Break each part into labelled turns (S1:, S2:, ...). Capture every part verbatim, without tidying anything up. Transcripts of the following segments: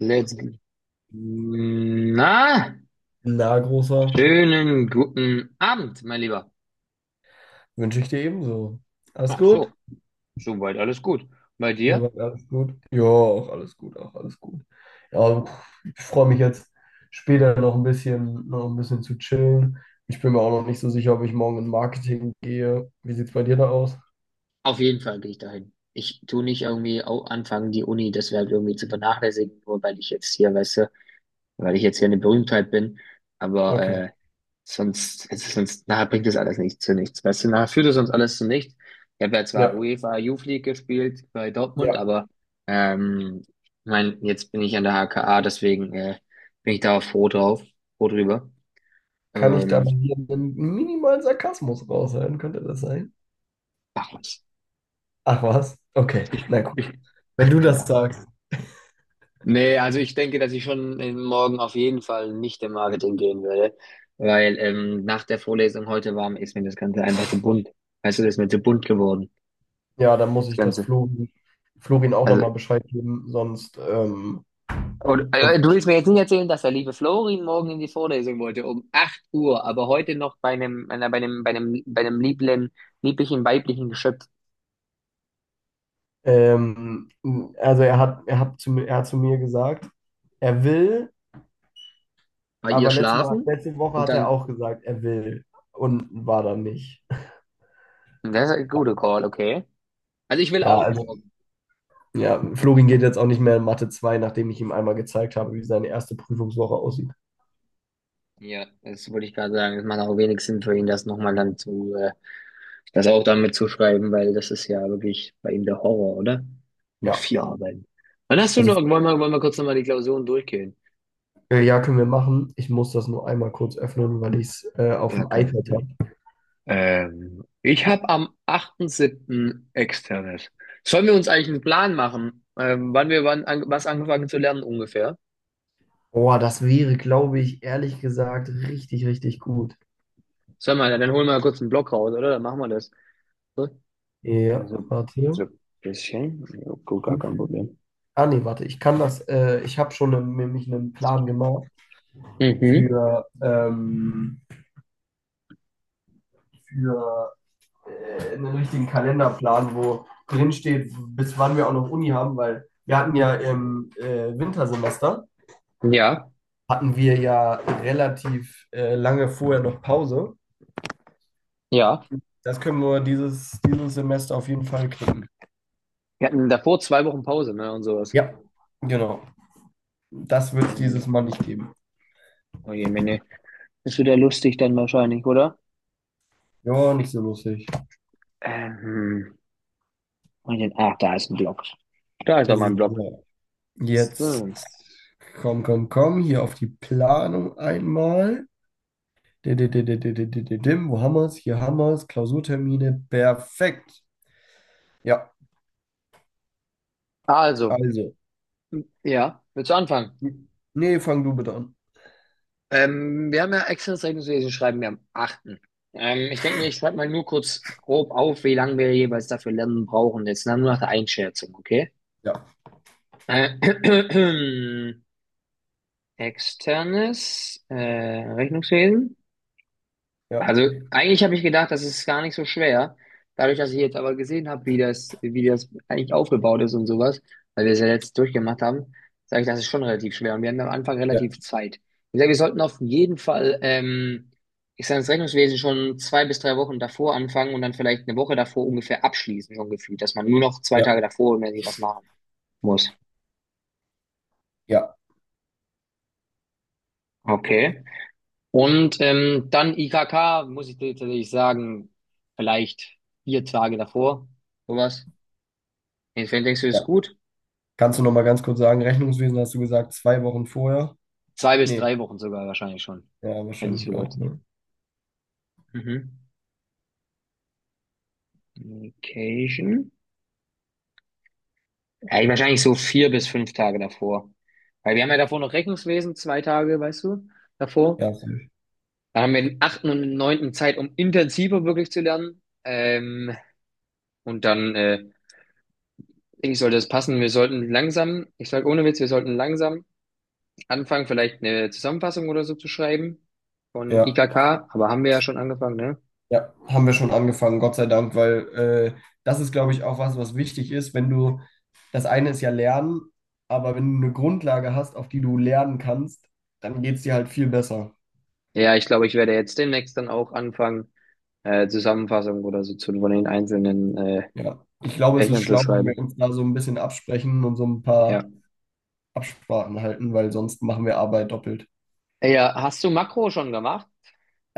S1: Let's go. Na,
S2: Na, Großer,
S1: schönen guten Abend, mein Lieber.
S2: wünsche ich dir ebenso. Alles
S1: Ach
S2: gut?
S1: so, soweit alles gut. Bei dir?
S2: Soweit alles gut? Ja, auch alles gut, auch alles gut. Ja, ich freue mich jetzt später noch ein bisschen, noch ein bisschen zu chillen. Ich bin mir auch noch nicht so sicher, ob ich morgen in Marketing gehe. Wie sieht es bei dir da aus?
S1: Auf jeden Fall gehe ich dahin. Ich tue nicht irgendwie au- anfangen, die Uni deshalb irgendwie zu vernachlässigen, nur weil ich jetzt hier, weißt du, weil ich jetzt hier eine Berühmtheit bin. Aber
S2: Okay.
S1: äh, Sonst, es ist sonst, nachher bringt es alles nicht zu nichts. Weißt du, nachher führt es uns alles zu nichts. Ich habe ja zwar
S2: Ja,
S1: UEFA Youth League gespielt bei Dortmund,
S2: ja.
S1: aber ähm, ich mein, jetzt bin ich an der H K A, deswegen äh, bin ich da auch froh drauf, froh drüber.
S2: Kann ich da
S1: Ähm,
S2: bei dir einen minimalen Sarkasmus raushören? Könnte das sein?
S1: Ach was.
S2: Ach was? Okay, na gut. Wenn
S1: Ach,
S2: du das
S1: ja.
S2: sagst,
S1: Nee, also ich denke, dass ich schon äh, morgen auf jeden Fall nicht im Marketing gehen werde, weil ähm, nach der Vorlesung heute war, ist mir das Ganze einfach zu bunt. Weißt du, das ist mir zu bunt geworden,
S2: ja, dann muss
S1: das
S2: ich das
S1: Ganze.
S2: Florin, Florin auch
S1: Also.
S2: nochmal Bescheid geben, sonst, ähm,
S1: Und, äh,
S2: sonst
S1: du willst mir jetzt nicht erzählen, dass der liebe Florin morgen in die Vorlesung wollte, um acht Uhr, aber heute noch bei einem, einer- bei einem, bei einem, bei einem lieblen, lieblichen weiblichen Geschöpf
S2: Ähm, also er hat, er hat zu, mir- er hat zu mir gesagt, er will,
S1: bei ihr
S2: aber letzte, Mal,
S1: schlafen,
S2: letzte Woche
S1: und
S2: hat er
S1: dann,
S2: auch gesagt, er will und war dann nicht.
S1: das ist ein guter Call, okay. Also ich will
S2: Ja,
S1: auch
S2: also
S1: morgen.
S2: ja, Florin geht jetzt auch nicht mehr in Mathe zwei, nachdem ich ihm einmal gezeigt habe, wie seine erste Prüfungswoche aussieht.
S1: Ja, das wollte ich gerade sagen. Es macht auch wenig Sinn für ihn, das nochmal dann zu, äh, das auch damit zu schreiben, weil das ist ja wirklich bei ihm der Horror, oder? Mit
S2: Ja,
S1: vier Arbeiten. Wann hast du noch,
S2: also
S1: wollen wir, wollen wir kurz nochmal die Klausuren durchgehen?
S2: äh, ja, können wir machen. Ich muss das nur einmal kurz öffnen, weil ich es äh, auf
S1: Gar
S2: dem
S1: kein
S2: iPad habe.
S1: Problem. Ähm, ich habe am achten siebten externes. Sollen wir uns eigentlich einen Plan machen, ähm, wann wir wann an, was angefangen zu lernen ungefähr?
S2: Boah, das wäre, glaube ich, ehrlich gesagt, richtig, richtig gut.
S1: Sollen wir, dann holen wir mal kurz einen Block raus, oder? Dann machen wir das. So,
S2: Ja,
S1: so, so
S2: warte.
S1: ein bisschen. Ja, gut, gar kein
S2: Prüfung.
S1: Problem.
S2: Ah nee, warte, ich kann das, äh, ich habe schon einen, nämlich einen Plan gemacht
S1: Mhm.
S2: für, ähm, für äh, einen richtigen Kalenderplan, wo drin steht, bis wann wir auch noch Uni haben, weil wir hatten ja im äh, Wintersemester,
S1: Ja,
S2: hatten wir ja relativ äh, lange vorher noch Pause.
S1: ja.
S2: Das können wir dieses, dieses Semester auf jeden Fall knicken.
S1: Wir hatten davor zwei Wochen Pause, ne, und sowas.
S2: Ja, genau. Das wird es
S1: Oje, Mene.
S2: dieses Mal nicht geben.
S1: Oje, Mene. Ist wieder lustig dann wahrscheinlich, oder?
S2: Ja, nicht so lustig.
S1: Ähm, und den, ach, da ist ein Block. Da ist doch mal ein Block.
S2: So. Jetzt
S1: So.
S2: komm, komm, komm, hier auf die Planung einmal. Dim, wo haben wir es? Hier haben wir es. Klausurtermine, perfekt. Ja,
S1: Also.
S2: also.
S1: Ja, willst du anfangen?
S2: Nee, fang du bitte an.
S1: Ähm, wir haben ja externes Rechnungswesen schreiben wir am achten. Ähm, ich denke mir, ich schreibe mal nur kurz grob auf, wie lange wir jeweils dafür lernen brauchen. Jetzt nur nach der Einschätzung, okay?
S2: Ja,
S1: Äh, Externes äh, Rechnungswesen.
S2: ja,
S1: Also eigentlich habe ich gedacht, das ist gar nicht so schwer. Dadurch, dass ich jetzt aber gesehen habe, wie das, wie das eigentlich aufgebaut ist und sowas, weil wir es ja jetzt durchgemacht haben, sage ich, das ist schon relativ schwer. Und wir hatten am Anfang
S2: ja,
S1: relativ Zeit. Ich sage, wir sollten auf jeden Fall, ähm, ich sage, das Rechnungswesen schon zwei bis drei Wochen davor anfangen und dann vielleicht eine Woche davor ungefähr abschließen, so ungefähr, dass man nur noch zwei Tage
S2: ja,
S1: davor irgendwie was machen muss.
S2: ja,
S1: Okay. Und ähm, dann I K K, muss ich dir tatsächlich sagen, vielleicht vier Tage davor, sowas. Wie denkst du, das ist
S2: ja.
S1: gut?
S2: Kannst du noch mal ganz kurz sagen, Rechnungswesen hast du gesagt, zwei Wochen vorher?
S1: Zwei bis
S2: Nee,
S1: drei Wochen sogar wahrscheinlich schon,
S2: ja,
S1: hätte ich
S2: wahrscheinlich auch.
S1: gesagt.
S2: Ne?
S1: Mhm. Vacation? Ja, wahrscheinlich so vier bis fünf Tage davor. Weil wir haben ja davor noch Rechnungswesen, zwei Tage, weißt du, davor.
S2: Ja, safe.
S1: Dann haben wir den achten und neunten Zeit, um intensiver wirklich zu lernen. Ähm, und dann, äh, denke ich, sollte es passen. Wir sollten langsam, ich sage ohne Witz, wir sollten langsam anfangen, vielleicht eine Zusammenfassung oder so zu schreiben von
S2: Ja.
S1: I K K. Aber haben wir ja schon angefangen, ne?
S2: Ja, haben wir schon angefangen, Gott sei Dank, weil äh, das ist, glaube ich, auch was, was wichtig ist, wenn du, das eine ist ja Lernen, aber wenn du eine Grundlage hast, auf die du lernen kannst, dann geht es dir halt viel besser.
S1: Ja, ich glaube, ich werde jetzt demnächst dann auch anfangen, äh, Zusammenfassung oder so zu von den einzelnen äh,
S2: Ja, ich glaube, es ist
S1: Fächern zu
S2: schlau, wenn wir
S1: schreiben.
S2: uns da so ein bisschen absprechen und so ein
S1: Ja.
S2: paar Absprachen halten, weil sonst machen wir Arbeit doppelt.
S1: Äh, Ja, hast du Makro schon gemacht?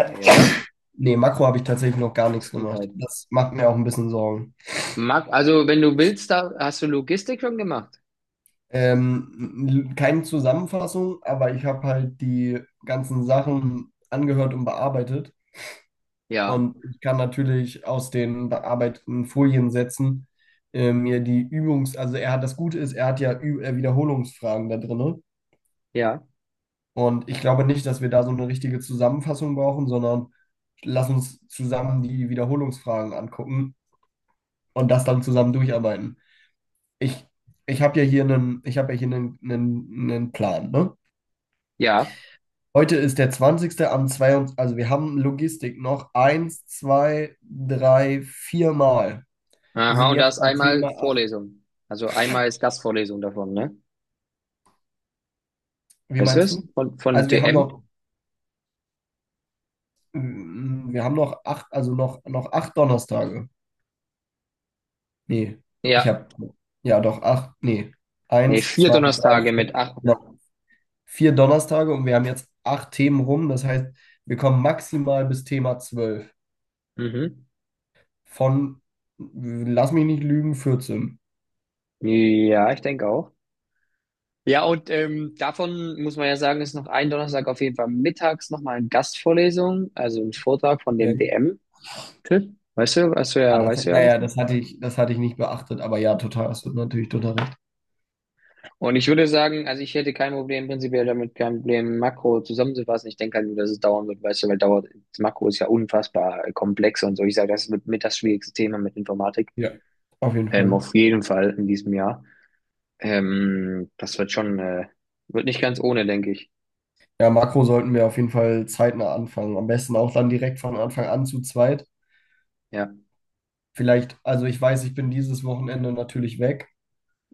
S1: Nee, oder?
S2: Nee, Makro habe ich tatsächlich noch gar nichts gemacht.
S1: Gesundheit.
S2: Das macht mir auch ein bisschen Sorgen.
S1: Mak also, wenn du willst, da hast du Logistik schon gemacht?
S2: Ähm, keine Zusammenfassung, aber ich habe halt die ganzen Sachen angehört und bearbeitet.
S1: Ja,
S2: Und ich kann natürlich aus den bearbeiteten Foliensätzen äh, mir die Übungs-, also er hat das Gute ist, er hat ja Ü äh, Wiederholungsfragen da drinne.
S1: ja,
S2: Und ich glaube nicht, dass wir da so eine richtige Zusammenfassung brauchen, sondern lass uns zusammen die Wiederholungsfragen angucken und das dann zusammen durcharbeiten. Ich, ich habe ja hier einen, ich habe ja hier einen, einen, einen Plan, ne?
S1: ja.
S2: Heute ist der zwanzigste am zweiundzwanzigsten. Also wir haben Logistik noch eins, zwei, drei, vier Mal. Wir
S1: Aha,
S2: sind
S1: und da
S2: jetzt
S1: ist
S2: bei
S1: einmal
S2: Thema acht.
S1: Vorlesung. Also einmal ist Gastvorlesung davon, ne?
S2: Wie
S1: Weißt du
S2: meinst
S1: es?
S2: du?
S1: Von, von
S2: Also wir haben
S1: D M?
S2: noch, mm, wir haben noch acht, also noch, noch acht Donnerstage. Nee, ich
S1: Ja.
S2: habe, ja doch, acht, nee.
S1: Nee,
S2: Eins,
S1: vier
S2: zwei, drei,
S1: Donnerstage mit
S2: vier.
S1: acht.
S2: Noch vier Donnerstage und wir haben jetzt acht Themen rum. Das heißt, wir kommen maximal bis Thema zwölf.
S1: Mhm.
S2: Von, lass mich nicht lügen, vierzehn.
S1: Ja, ich denke auch. Ja, und ähm, davon muss man ja sagen, ist noch ein Donnerstag auf jeden Fall mittags nochmal eine Gastvorlesung, also ein Vortrag von dem
S2: Okay.
S1: D M-Typ. Weißt du, weißt du
S2: Ah,
S1: ja,
S2: das, ja,
S1: weißt du ja
S2: ja,
S1: bestimmt.
S2: das hatte ich, das hatte ich nicht beachtet, aber ja, total, hast du natürlich total recht.
S1: Und ich würde sagen, also ich hätte kein Problem, prinzipiell damit kein Problem, Makro zusammenzufassen. Ich denke halt nur, dass es dauern wird, weißt du, weil dauert, das Makro ist ja unfassbar äh, komplex und so. Ich sage, das wird mit das schwierigste Thema mit Informatik.
S2: Ja, auf jeden
S1: Ähm,
S2: Fall.
S1: auf jeden Fall in diesem Jahr. Ähm, das wird schon, äh, wird nicht ganz ohne, denke ich.
S2: Ja, Makro sollten wir auf jeden Fall zeitnah anfangen. Am besten auch dann direkt von Anfang an zu zweit.
S1: Ja,
S2: Vielleicht, also ich weiß, ich bin dieses Wochenende natürlich weg,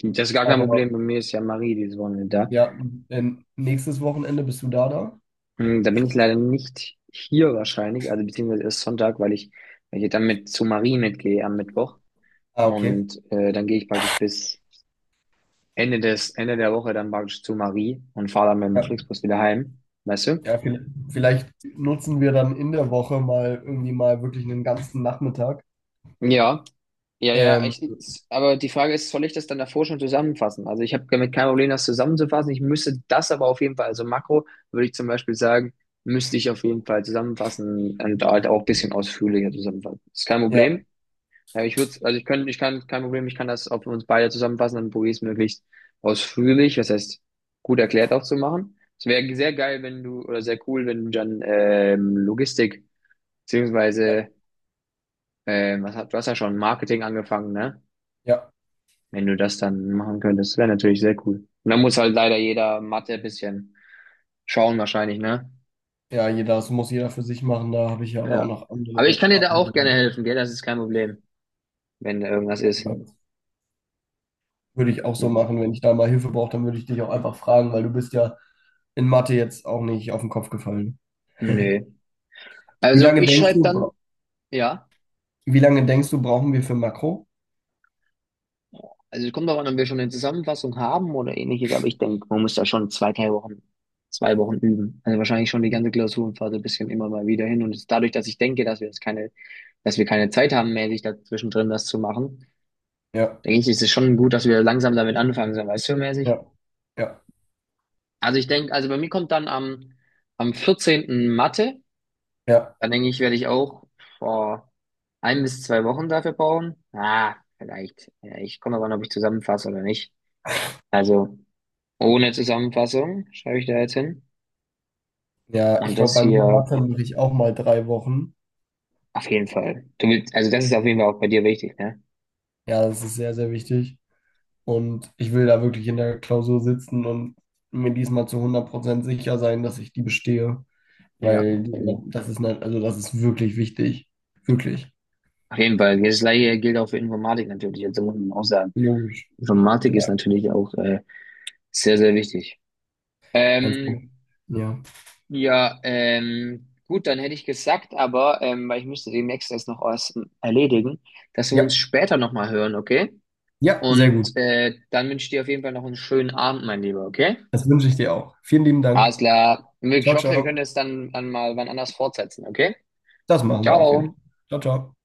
S1: das ist gar kein
S2: aber
S1: Problem. Bei mir ist ja Marie dieses Wochenende da.
S2: ja, in- nächstes Wochenende bist du da da?
S1: Hm, Da bin ich leider nicht hier wahrscheinlich, also beziehungsweise erst Sonntag, weil ich, weil ich dann mit zu Marie mitgehe am Mittwoch.
S2: Ah, okay.
S1: Und äh, dann gehe ich praktisch bis Ende des, Ende der Woche dann praktisch zu Marie und fahre dann mit dem
S2: Ja,
S1: Flixbus wieder heim. Weißt du?
S2: ja, vielleicht, vielleicht nutzen wir dann in der Woche mal irgendwie mal wirklich einen ganzen Nachmittag.
S1: Ja, ja, ja.
S2: Ähm,
S1: Ich, aber die Frage ist, soll ich das dann davor schon zusammenfassen? Also ich habe damit kein Problem, das zusammenzufassen. Ich müsste das aber auf jeden Fall, also Makro würde ich zum Beispiel sagen, müsste ich auf jeden Fall zusammenfassen und halt auch ein bisschen ausführlicher zusammenfassen. Ist kein
S2: ja,
S1: Problem. Ja, ich würde, also ich könnte, ich kann, kein Problem, ich kann das auf uns beide zusammenfassen, dann probiere ich es möglichst ausführlich, was heißt gut erklärt auch zu machen. Es wäre sehr geil, wenn du, oder sehr cool, wenn du dann ähm, Logistik,
S2: ja,
S1: beziehungsweise, ähm, was hat, du hast ja schon Marketing angefangen, ne?
S2: ja,
S1: Wenn du das dann machen könntest, wäre natürlich sehr cool. Und dann muss halt leider jeder Mathe ein bisschen schauen wahrscheinlich, ne?
S2: ja, jeder, das muss jeder für sich machen. Da habe ich ja aber auch
S1: Ja.
S2: noch
S1: Aber ich
S2: andere.
S1: kann dir da auch
S2: Andere
S1: gerne helfen, gell? Das ist kein Problem, wenn da irgendwas ist.
S2: also, Würde ich auch so
S1: Hm.
S2: machen, wenn ich da mal Hilfe brauche, dann würde ich dich auch einfach fragen, weil du bist ja in Mathe jetzt auch nicht auf den Kopf gefallen.
S1: Nee.
S2: Wie
S1: Also
S2: lange
S1: ich
S2: denkst
S1: schreibe dann,
S2: du,
S1: ja.
S2: wie lange denkst du, brauchen wir für Makro?
S1: Also es kommt darauf an, ob wir schon eine Zusammenfassung haben oder ähnliches, aber ich denke, man muss da schon zwei, drei Wochen, zwei Wochen üben. Also wahrscheinlich schon die ganze Klausurenphase ein bisschen immer mal wieder hin. Und es- dadurch, dass ich denke, dass wir jetzt keine, dass wir keine Zeit haben, mäßig dazwischen drin das zu machen,
S2: Ja,
S1: denke ich, ist es schon gut, dass wir langsam damit anfangen, so weißt du, mäßig.
S2: ja, ja,
S1: Also ich denke, also bei mir kommt dann am, am vierzehnten Mathe.
S2: ja.
S1: Dann denke ich, werde ich auch vor ein bis zwei Wochen dafür brauchen. Ah, vielleicht. Ja, ich komme aber an, ob ich zusammenfasse oder nicht. Also. Ohne Zusammenfassung schreibe ich da jetzt hin.
S2: Ja, ich
S1: Und
S2: glaube,
S1: das
S2: bei mir in
S1: hier
S2: Mathe mache ich auch mal drei Wochen.
S1: auf jeden Fall. Du willst, also das ist auf jeden Fall auch bei dir wichtig, ne?
S2: Ja, das ist sehr, sehr wichtig. Und ich will da wirklich in der Klausur sitzen und mir diesmal zu hundert Prozent sicher sein, dass ich die bestehe,
S1: Ja.
S2: weil
S1: Also,
S2: das ist, ne- also das ist wirklich wichtig. Wirklich.
S1: auf jeden Fall. Das gleiche gilt auch für Informatik natürlich. Also muss man auch sagen.
S2: Logisch.
S1: Informatik ist
S2: Ja,
S1: natürlich auch äh, sehr, sehr wichtig.
S2: einfach.
S1: Ähm,
S2: Ja.
S1: ja, ähm, gut, dann hätte ich gesagt, aber ähm, weil ich müsste demnächst das noch was erledigen, dass wir uns
S2: Ja,
S1: später nochmal hören, okay?
S2: ja, sehr
S1: Und
S2: gut.
S1: äh, dann wünsche ich dir auf jeden Fall noch einen schönen Abend, mein Lieber, okay?
S2: Das wünsche ich dir auch. Vielen lieben
S1: Alles
S2: Dank.
S1: klar. Ich
S2: Ciao,
S1: hoffe, wir können
S2: ciao.
S1: es dann, dann mal wann anders fortsetzen, okay?
S2: Das machen wir auf jeden Fall.
S1: Ciao.
S2: Ciao, ciao.